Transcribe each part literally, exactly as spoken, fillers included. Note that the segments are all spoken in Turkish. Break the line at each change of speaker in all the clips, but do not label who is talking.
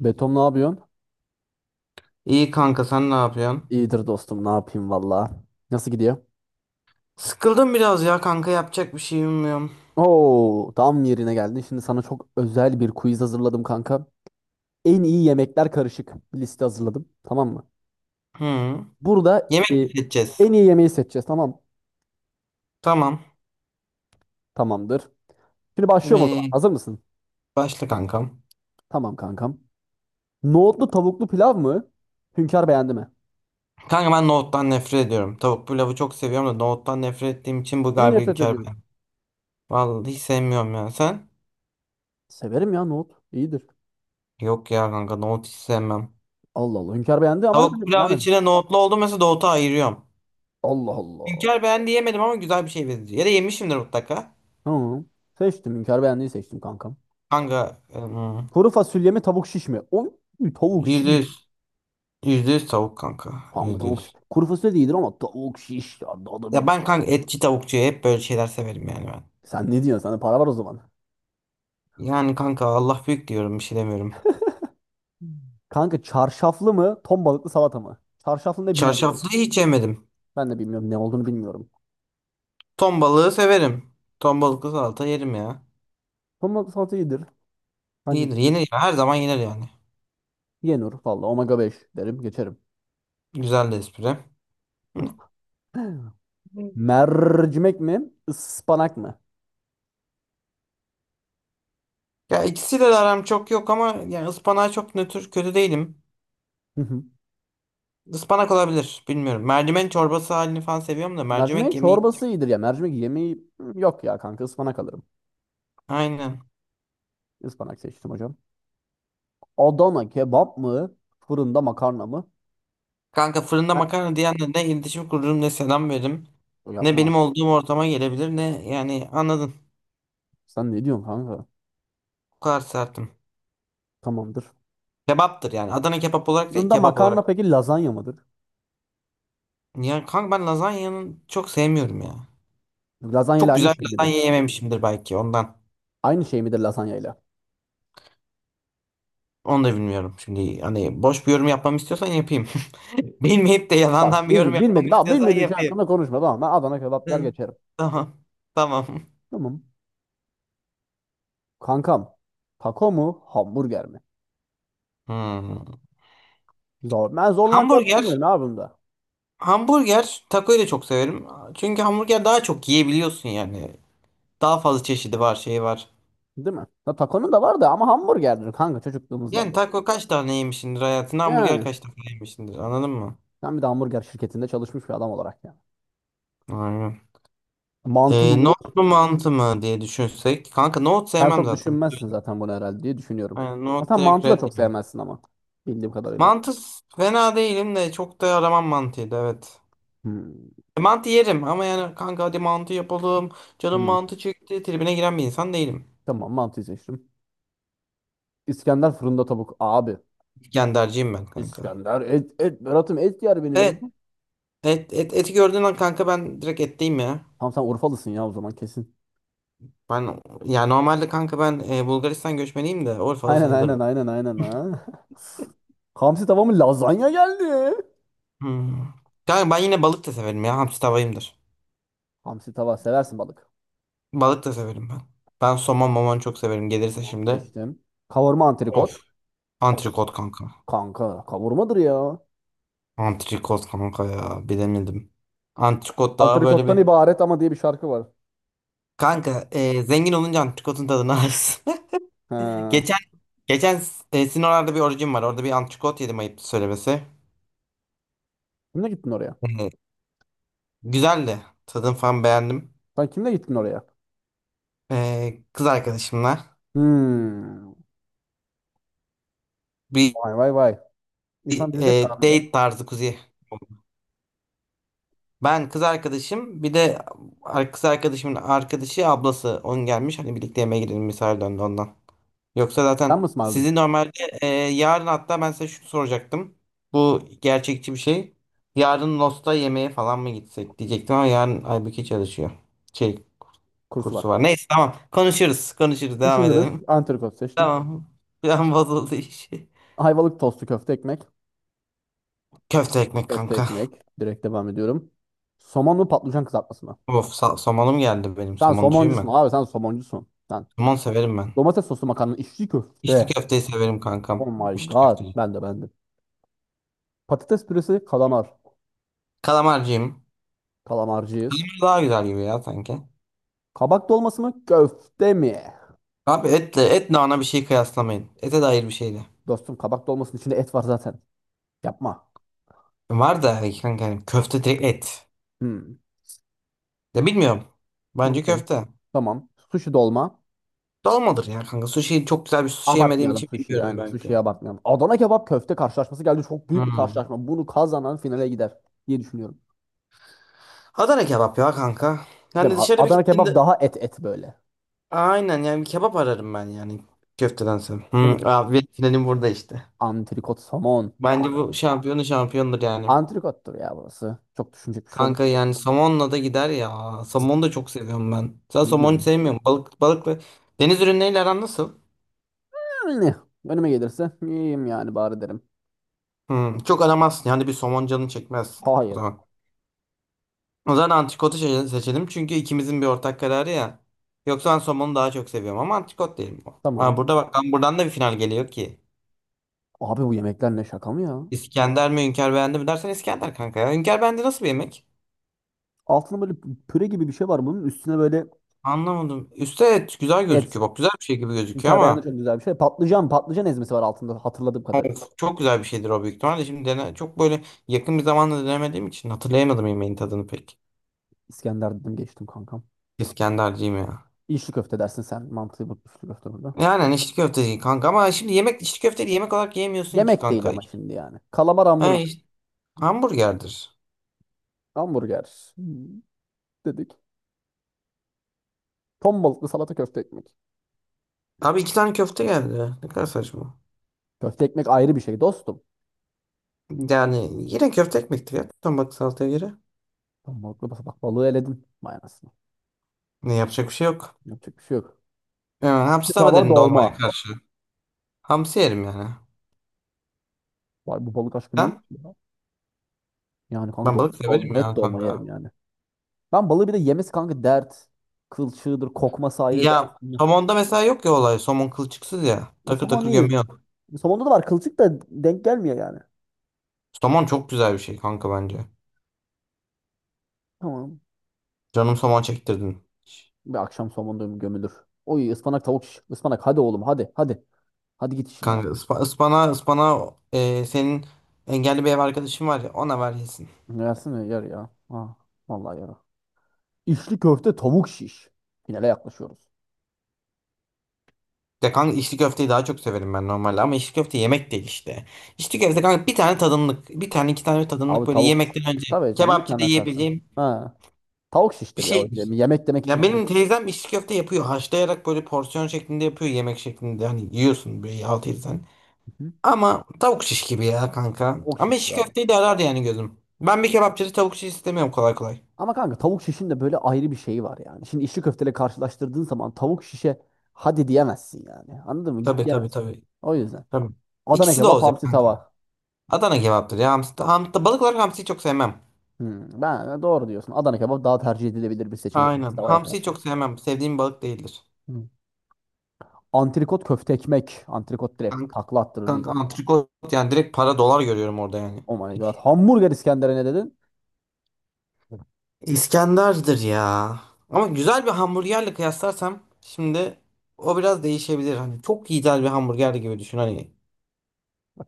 Betom ne yapıyorsun?
İyi kanka sen ne yapıyorsun?
İyidir dostum ne yapayım valla. Nasıl gidiyor?
Sıkıldım biraz ya kanka yapacak bir şey bilmiyorum.
Oo tam yerine geldin. Şimdi sana çok özel bir quiz hazırladım kanka. En iyi yemekler karışık bir liste hazırladım. Tamam mı?
Hı.
Burada
Yemek
e,
mi seçeceğiz?
en iyi yemeği seçeceğiz tamam.
Tamam.
Tamamdır. Şimdi başlıyorum o zaman.
Ee,
Hazır mısın?
Başla kankam.
Tamam kankam. Nohutlu tavuklu pilav mı? Hünkar beğendi mi?
Kanka ben nohuttan nefret ediyorum. Tavuk pilavı çok seviyorum da nohuttan nefret ettiğim için bu
Niye
galiba
nefret
inkar
ediyorum?
ben. Vallahi hiç sevmiyorum ya. Sen?
Severim ya nohut. İyidir.
Yok ya kanka nohut hiç sevmem.
Allah Allah. Hünkar beğendi ama
Tavuk pilav
benim.
içine nohutlu oldu mesela nohutu ayırıyorum.
Allah Allah.
Hünkar ben diyemedim ama güzel bir şey benziyor. Ya da yemişimdir mutlaka.
Tamam. Seçtim. Hünkar beğendiği seçtim kankam.
Kanka ım,
Kuru fasulye mi tavuk şiş mi? Oy, tavuk
yüzde
şiş.
yüz. Yüzde yüz tavuk kanka.
Kanka
Yüzde
tavuk şiş.
yüz.
Kuru fasulye de iyidir ama tavuk şiş. Ya, daha da bir
Ya
bak.
ben kanka etçi tavukçu hep böyle şeyler severim yani ben.
Sen ne diyorsun? Sende para var o zaman.
Yani kanka Allah büyük diyorum bir şey demiyorum.
Kanka çarşaflı mı? Ton balıklı salata mı? Çarşaflı ne bilmiyorum.
Çarşaflıyı hiç yemedim.
Ben de bilmiyorum. Ne olduğunu bilmiyorum.
Ton balığı severim. Ton balıklı salata yerim ya.
Ton balıklı salata iyidir. Bence de
İyidir
iyidir.
yenir ya her zaman yenir yani.
Yenir. Valla omega beş derim. Geçerim.
Güzel de espri. Hı.
Mercimek mi? Ispanak mı?
Ya ikisiyle de aram çok yok ama yani ıspanağa çok nötr kötü değilim.
Hı hı.
Ispanak olabilir bilmiyorum. Mercimek çorbası halini falan seviyorum da
Mercimeğin
mercimek yemeği.
çorbası iyidir ya. Mercimek yemeği hmm, yok ya kanka. Ispanak alırım.
Aynen.
Ispanak seçtim hocam. Adana kebap mı? Fırında makarna mı?
Kanka fırında
Ha,
makarna diyenle ne iletişim kururum ne selam veririm. Ne benim
yapma.
olduğum ortama gelebilir ne yani anladın.
Sen ne diyorsun kanka?
Bu kadar sertim.
Tamamdır.
Kebaptır yani. Adana kebap olarak değil,
Bunda
kebap
makarna
olarak.
peki lazanya mıdır?
Yani kanka ben lazanyanın çok sevmiyorum ya.
Lazanya ile
Çok
aynı
güzel
şey
bir
midir?
lazanya yememişimdir belki ondan.
Aynı şey midir lazanya ile?
Onu da bilmiyorum. Şimdi hani boş bir yorum yapmamı istiyorsan yapayım. Bilmeyip de yalandan
Bak
bir yorum
bilmi
yapmamı
Bilmedim. Bak
istiyorsan
bilmediğin şey
yapayım.
hakkında konuşma. Tamam ben Adana kebap der
Hı,
geçerim.
tamam. Tamam.
Tamam. Kankam. Taco mu? Hamburger mi?
Hmm.
Zor. Ben zorlanacak
Hamburger.
düşünmüyorum abi bunda.
Hamburger takoyu da çok severim. Çünkü hamburger daha çok yiyebiliyorsun yani. Daha fazla çeşidi var, şey var.
Değil mi? Ya takonun da var da ama hamburgerdir kanka çocukluğumuzdan
Yani
beri.
taco kaç tane yemişsindir hayatında? Hamburger
Yani.
kaç tane yemişsindir? Anladın mı?
Sen bir de hamburger şirketinde çalışmış bir adam olarak yani.
Aynen.
Mantı mı?
Ee, Note mu mantı mı diye düşünsek. Kanka Note
Sen
sevmem
çok
zaten.
düşünmezsin zaten bunu herhalde diye düşünüyorum.
Aynen
Ha,
Note
sen
direkt
mantı da
red
çok
yani.
sevmezsin ama. Bildiğim kadarıyla.
Mantı s- fena değilim de çok da aramam mantıyı da evet.
Hmm.
E, mantı yerim ama yani kanka hadi mantı yapalım. Canım
Hmm.
mantı çekti. Tribine giren bir insan değilim.
Tamam mantıyı seçtim. İskender fırında tavuk. Abi.
İskenderciyim ben kanka.
İskender et, et Berat'ım et yer benim ya.
Evet. Et, et, eti gördüğün an kanka ben direkt etteyim ya.
Tamam sen Urfalısın ya o zaman kesin.
Ben ya normalde kanka ben e, Bulgaristan göçmeniyim de Urfalı
Aynen aynen
sayılırım.
aynen aynen. Ha. Hamsi tava mı? Lazanya geldi.
Hmm. Kanka ben yine balık da severim ya. Hamsi tavayımdır.
Hamsi tava seversin balık.
Balık da severim ben. Ben somon mamon çok severim. Gelirse
Tamam
şimdi.
seçtim. Kavurma
Of.
antrikot. Of
Antrikot kanka.
kanka kavurmadır ya.
Antrikot kanka ya. Bilemedim. Antrikot daha böyle
Antrikottan
bir.
ibaret ama diye bir şarkı var.
Kanka e, zengin olunca antrikotun tadını alırsın.
He.
Geçen geçen e, Sinop'larda bir orucum var. Orada bir antrikot yedim ayıp söylemesi.
Kimle gittin oraya?
E, Güzeldi. Tadını falan beğendim.
Sen kimle gittin oraya?
E, kız arkadaşımla
Hmm.
bir,
Vay vay vay.
bir,
İnsan bizi de
e,
çağırdı be.
date tarzı kuzi. Ben kız arkadaşım bir de ar- kız arkadaşımın arkadaşı ablası onun gelmiş hani birlikte yemeğe gidelim misafir döndü ondan. Yoksa
Sen
zaten
mi ısmarladın?
sizi normalde e, yarın hatta ben size şunu soracaktım. Bu gerçekçi bir şey. Yarın Lost'a yemeğe falan mı gitsek diyecektim ama yarın Aybüke çalışıyor. Şey
Kurs
kursu var. Neyse tamam konuşuruz konuşuruz devam
düşünürüz.
edelim.
Antrikot seçtim.
Tamam. Bir an bozuldu iş.
Ayvalık tostu köfte ekmek.
Köfte ekmek
Köfte
kanka.
ekmek. Direkt devam ediyorum. Somon mu patlıcan kızartması mı?
Of, sa- somonum geldi benim
Sen
somoncuyum
somoncusun
ben.
abi sen somoncusun. Sen
Somon severim ben.
domates soslu makarna içli köfte.
İçli köfteyi severim
Oh
kankam.
my
İçli
god.
köfteyi.
Ben de ben de. Patates püresi kalamar.
Kalamarcıyım.
Kalamarcıyız.
Daha güzel gibi ya sanki.
Kabak dolması mı köfte mi?
Abi etle, et nana bir şey kıyaslamayın. Ete dair bir şeydi.
Dostum kabak dolmasının içinde et var zaten. Yapma.
Var da hani kanka hani köfte direkt et.
Hmm.
Ya bilmiyorum. Bence
Okey.
köfte.
Tamam. Sushi dolma.
Dolmadır ya kanka. Sushi çok güzel bir sushi yemediğim
Abartmayalım
için
sushi'yi.
bilmiyorum
Aynen
belki.
sushi'yi abartmayalım. Adana kebap köfte karşılaşması geldi. Çok büyük bir
Hmm.
karşılaşma. Bunu kazanan finale gider diye düşünüyorum.
Adana kebap ya kanka.
Değil
Yani
mi? A-
dışarı bir
Adana kebap
gittiğinde
daha et et böyle.
aynen yani bir kebap ararım ben yani köftedense.
Değil mi?
Hmm, abi finalim burada işte.
Antrikot somon.
Bence
A-
bu şampiyonu şampiyondur yani.
Antrikottur ya burası. Çok düşünecek bir şey oldu.
Kanka yani somonla da gider ya. Somonu da çok seviyorum ben. Sen
Ne
somonu
diyorsun?
sevmiyorum. Balık balık ve deniz ürünleriyle aran nasıl?
Yani önüme gelirse yiyeyim yani bari derim.
Hmm, çok aramazsın. Yani bir somon canın çekmez. O
Hayır.
zaman. O zaman antikotu seçe- seçelim. Çünkü ikimizin bir ortak kararı ya. Yoksa ben somonu daha çok seviyorum ama antikot değil bu. Ha,
Tamam.
burada bak lan buradan da bir final geliyor ki.
Abi bu yemekler ne şaka mı ya?
İskender mi Hünkar beğendi mi dersen İskender kanka ya. Hünkar beğendi nasıl bir yemek?
Altında böyle püre gibi bir şey var bunun. Üstüne böyle
Anlamadım. Üste evet, güzel
et.
gözüküyor. Bak güzel bir şey gibi gözüküyor
Hünkar beğendi
ama.
çok güzel bir şey. Patlıcan, patlıcan ezmesi var altında hatırladığım kadarıyla.
Of, çok güzel bir şeydir o büyük ihtimalle. Şimdi dene, çok böyle yakın bir zamanda denemediğim için hatırlayamadım yemeğin tadını pek.
İskender dedim geçtim kankam.
İskenderciyim ya.
İçli köfte dersin sen. Mantığı bu içli köfte burada.
Yani hani içli köfteci kanka ama şimdi yemek içli köfteyi yemek olarak yemiyorsun ki
Yemek değil
kanka.
ama şimdi yani. Kalamar
Ha,
hamburger.
işte, hamburgerdir.
Hamburger. Hmm, dedik. Ton balıklı salata köfte ekmek.
Abi iki tane köfte geldi. Ne kadar saçma.
Köfte ekmek ayrı bir şey dostum.
Yani yine köfte ekmektir ya. Tam bak salataya göre.
Ton balıklı bak bak balığı eledin. Vay anasını.
Ne yapacak bir şey yok.
Yapacak bir şey yok.
Yani,
Atlı
hamsi tava
Tava
derinde olmaya
dolma.
karşı. Hamsi yerim yani.
Vay bu balık aşkı neymiş
Ben,
ya? Yani kanka
ben
dol,
balık
dol,
severim
net
ya
dolma
kanka.
yerim yani. Ben balığı bir de yemesi kanka dert. Kılçığıdır, kokması ayrı dert.
Ya somonda mesela yok ya olay. Somon kılçıksız ya.
Ya,
Takır
somon'u
takır
iyi.
gömüyor.
Somon'da da var kılçık da denk gelmiyor yani.
Saman çok güzel bir şey kanka bence.
Tamam.
Canım saman çektirdin.
Bir akşam somonda gömülür. Oy ıspanak tavuk şiş. Ispanak hadi oğlum hadi hadi. Hadi git işine ya.
Kanka ıspa, ıspana ıspana e, senin engelli bir ev arkadaşın var ya ona ver yesin.
Yersene yer ya. Ha, vallahi yer. İçli köfte tavuk şiş. Finale yaklaşıyoruz.
Ya kanka içli köfteyi daha çok severim ben normalde ama içli köfte yemek değil işte. İçli köfte kanka bir tane tadımlık bir tane iki tane tadımlık
Abi
böyle
tavuk şiş.
yemekten önce
Tabii canım bir
kebapçıda
tane atarsın.
yiyebileceğim
Ha. Tavuk
bir
şiştir ya. o
şeydir.
yeme- Yemek demek için
Ya
tavuk,
benim teyzem içli köfte yapıyor haşlayarak böyle porsiyon şeklinde yapıyor yemek şeklinde hani yiyorsun böyle altı yedi.
hı hı,
Ama tavuk şiş gibi ya kanka.
tavuk
Ama
şiştir
şiş
abi.
köfteyi de arar yani gözüm. Ben bir kebapçıda tavuk şiş istemiyorum kolay kolay.
Ama kanka tavuk şişin de böyle ayrı bir şeyi var yani. Şimdi içli köfteyle karşılaştırdığın zaman tavuk şişe hadi diyemezsin yani. Anladın mı? Git
Tabii tabii
diyemezsin.
tabii.
O yüzden.
Tabii.
Adana
İkisi de
kebap
olacak
hamsi
kanka.
tava.
Adana kebaptır ya. Hamsi, hamsi, balık olarak hamsiyi çok sevmem.
Hmm, ben e, doğru diyorsun. Adana kebap daha tercih edilebilir bir seçenek
Aynen.
tavaya
Hamsiyi
karşı.
çok sevmem. Sevdiğim balık değildir.
Hmm. Antrikot köfte ekmek. Antrikot direkt
Kanka,
takla attırır değil
kanka
mi?
antrikot yani direkt para dolar görüyorum orada yani.
Oh my god. Hamburger İskender'e ne dedin?
İskender'dir ya. Ama güzel bir hamburgerle kıyaslarsam şimdi o biraz değişebilir. Hani çok güzel bir hamburger gibi düşün hani.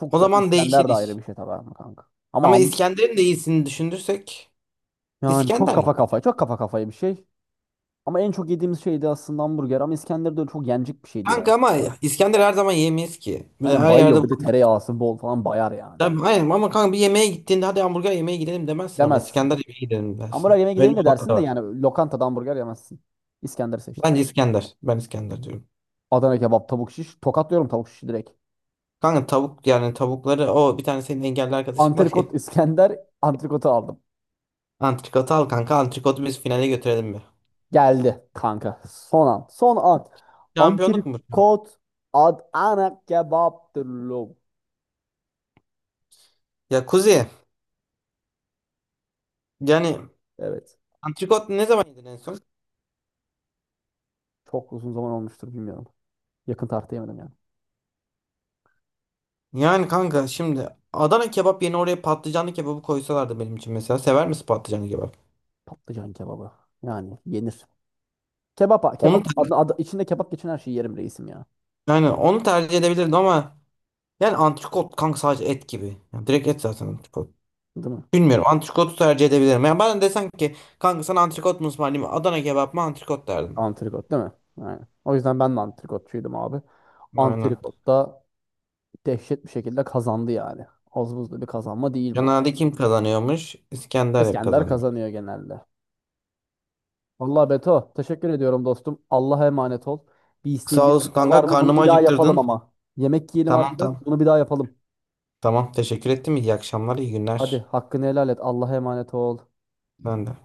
Çok
O
güzel bir
zaman değişir
İskender de ayrı
iş.
bir şey tabii ama kanka. Ama
Ama
ham-
İskender'in de iyisini düşünürsek
yani çok
İskender ya.
kafa kafaya, çok kafa kafaya bir şey. Ama en çok yediğimiz şeydi aslında hamburger ama İskender de öyle çok yenecek bir şey değil
Kanka ama
ama.
İskender her zaman yemeyiz ki. Bir de
Aynen
her yerde.
bayıyor bir de tereyağısı bol falan bayar yani.
Tabii, aynen ama kanka bir yemeğe gittiğinde hadi hamburger yemeye gidelim demezsin ama
Demezsin.
İskender yemeğe gidelim
Hamburger
dersin.
yemeye
Öyle
gidelim
bir
de
olay da
dersin de
var.
yani lokantada hamburger yemezsin. İskender seçtim.
Bence İskender. Ben İskender diyorum.
Adana kebap, tavuk şiş. Tokatlıyorum tavuk şişi direkt.
Kanka tavuk yani tavukları o bir tane senin engelli arkadaşın var ya.
Antrikot İskender antrikotu aldım.
Antrikotu al kanka antrikotu biz finale götürelim bir.
Geldi kanka. Son an. Son an.
Şampiyonluk mu bu?
Antrikot Adana kebaptır lo.
Ya Kuzi yani
Evet.
antrikot ne zaman yedin en son?
Çok uzun zaman olmuştur bilmiyorum. Yakın tarihte yemedim yani.
Yani kanka şimdi Adana kebap yerine oraya patlıcanlı kebabı koysalardı benim için mesela. Sever misin patlıcanlı kebap?
Patlıcan kebabı. Yani yenir. Kebap, kebap
Onu ter-
adı, adı- içinde kebap geçen her şeyi yerim reisim ya.
yani onu tercih edebilirdim ama yani antrikot kanka sadece et gibi. Yani direkt et zaten antrikot.
Değil mi?
Bilmiyorum antrikotu tercih edebilirim. Yani bana desen ki kanka sana antrikot mu ısmarlayayım mı? Adana kebap mı antrikot derdim.
Antrikot değil mi? Yani. O yüzden ben de antrikotçuydum abi.
Aynen.
Antrikot da dehşet bir şekilde kazandı yani. Az buzlu bir kazanma değil bu.
Genelde kim kazanıyormuş? İskender hep
İskender
kazanmış.
kazanıyor genelde. Vallahi Beto, teşekkür ediyorum dostum. Allah'a emanet ol. Bir isteğin
Sağ
bir
olasın
arzun var
kanka
mı? Bunu
karnımı
bir daha yapalım
acıktırdın.
ama. Yemek yiyelim
Tamam
harbiden.
tamam.
Bunu bir daha yapalım.
Tamam teşekkür ettim. İyi akşamlar iyi
Hadi
günler.
hakkını helal et. Allah'a emanet ol.
Ben de.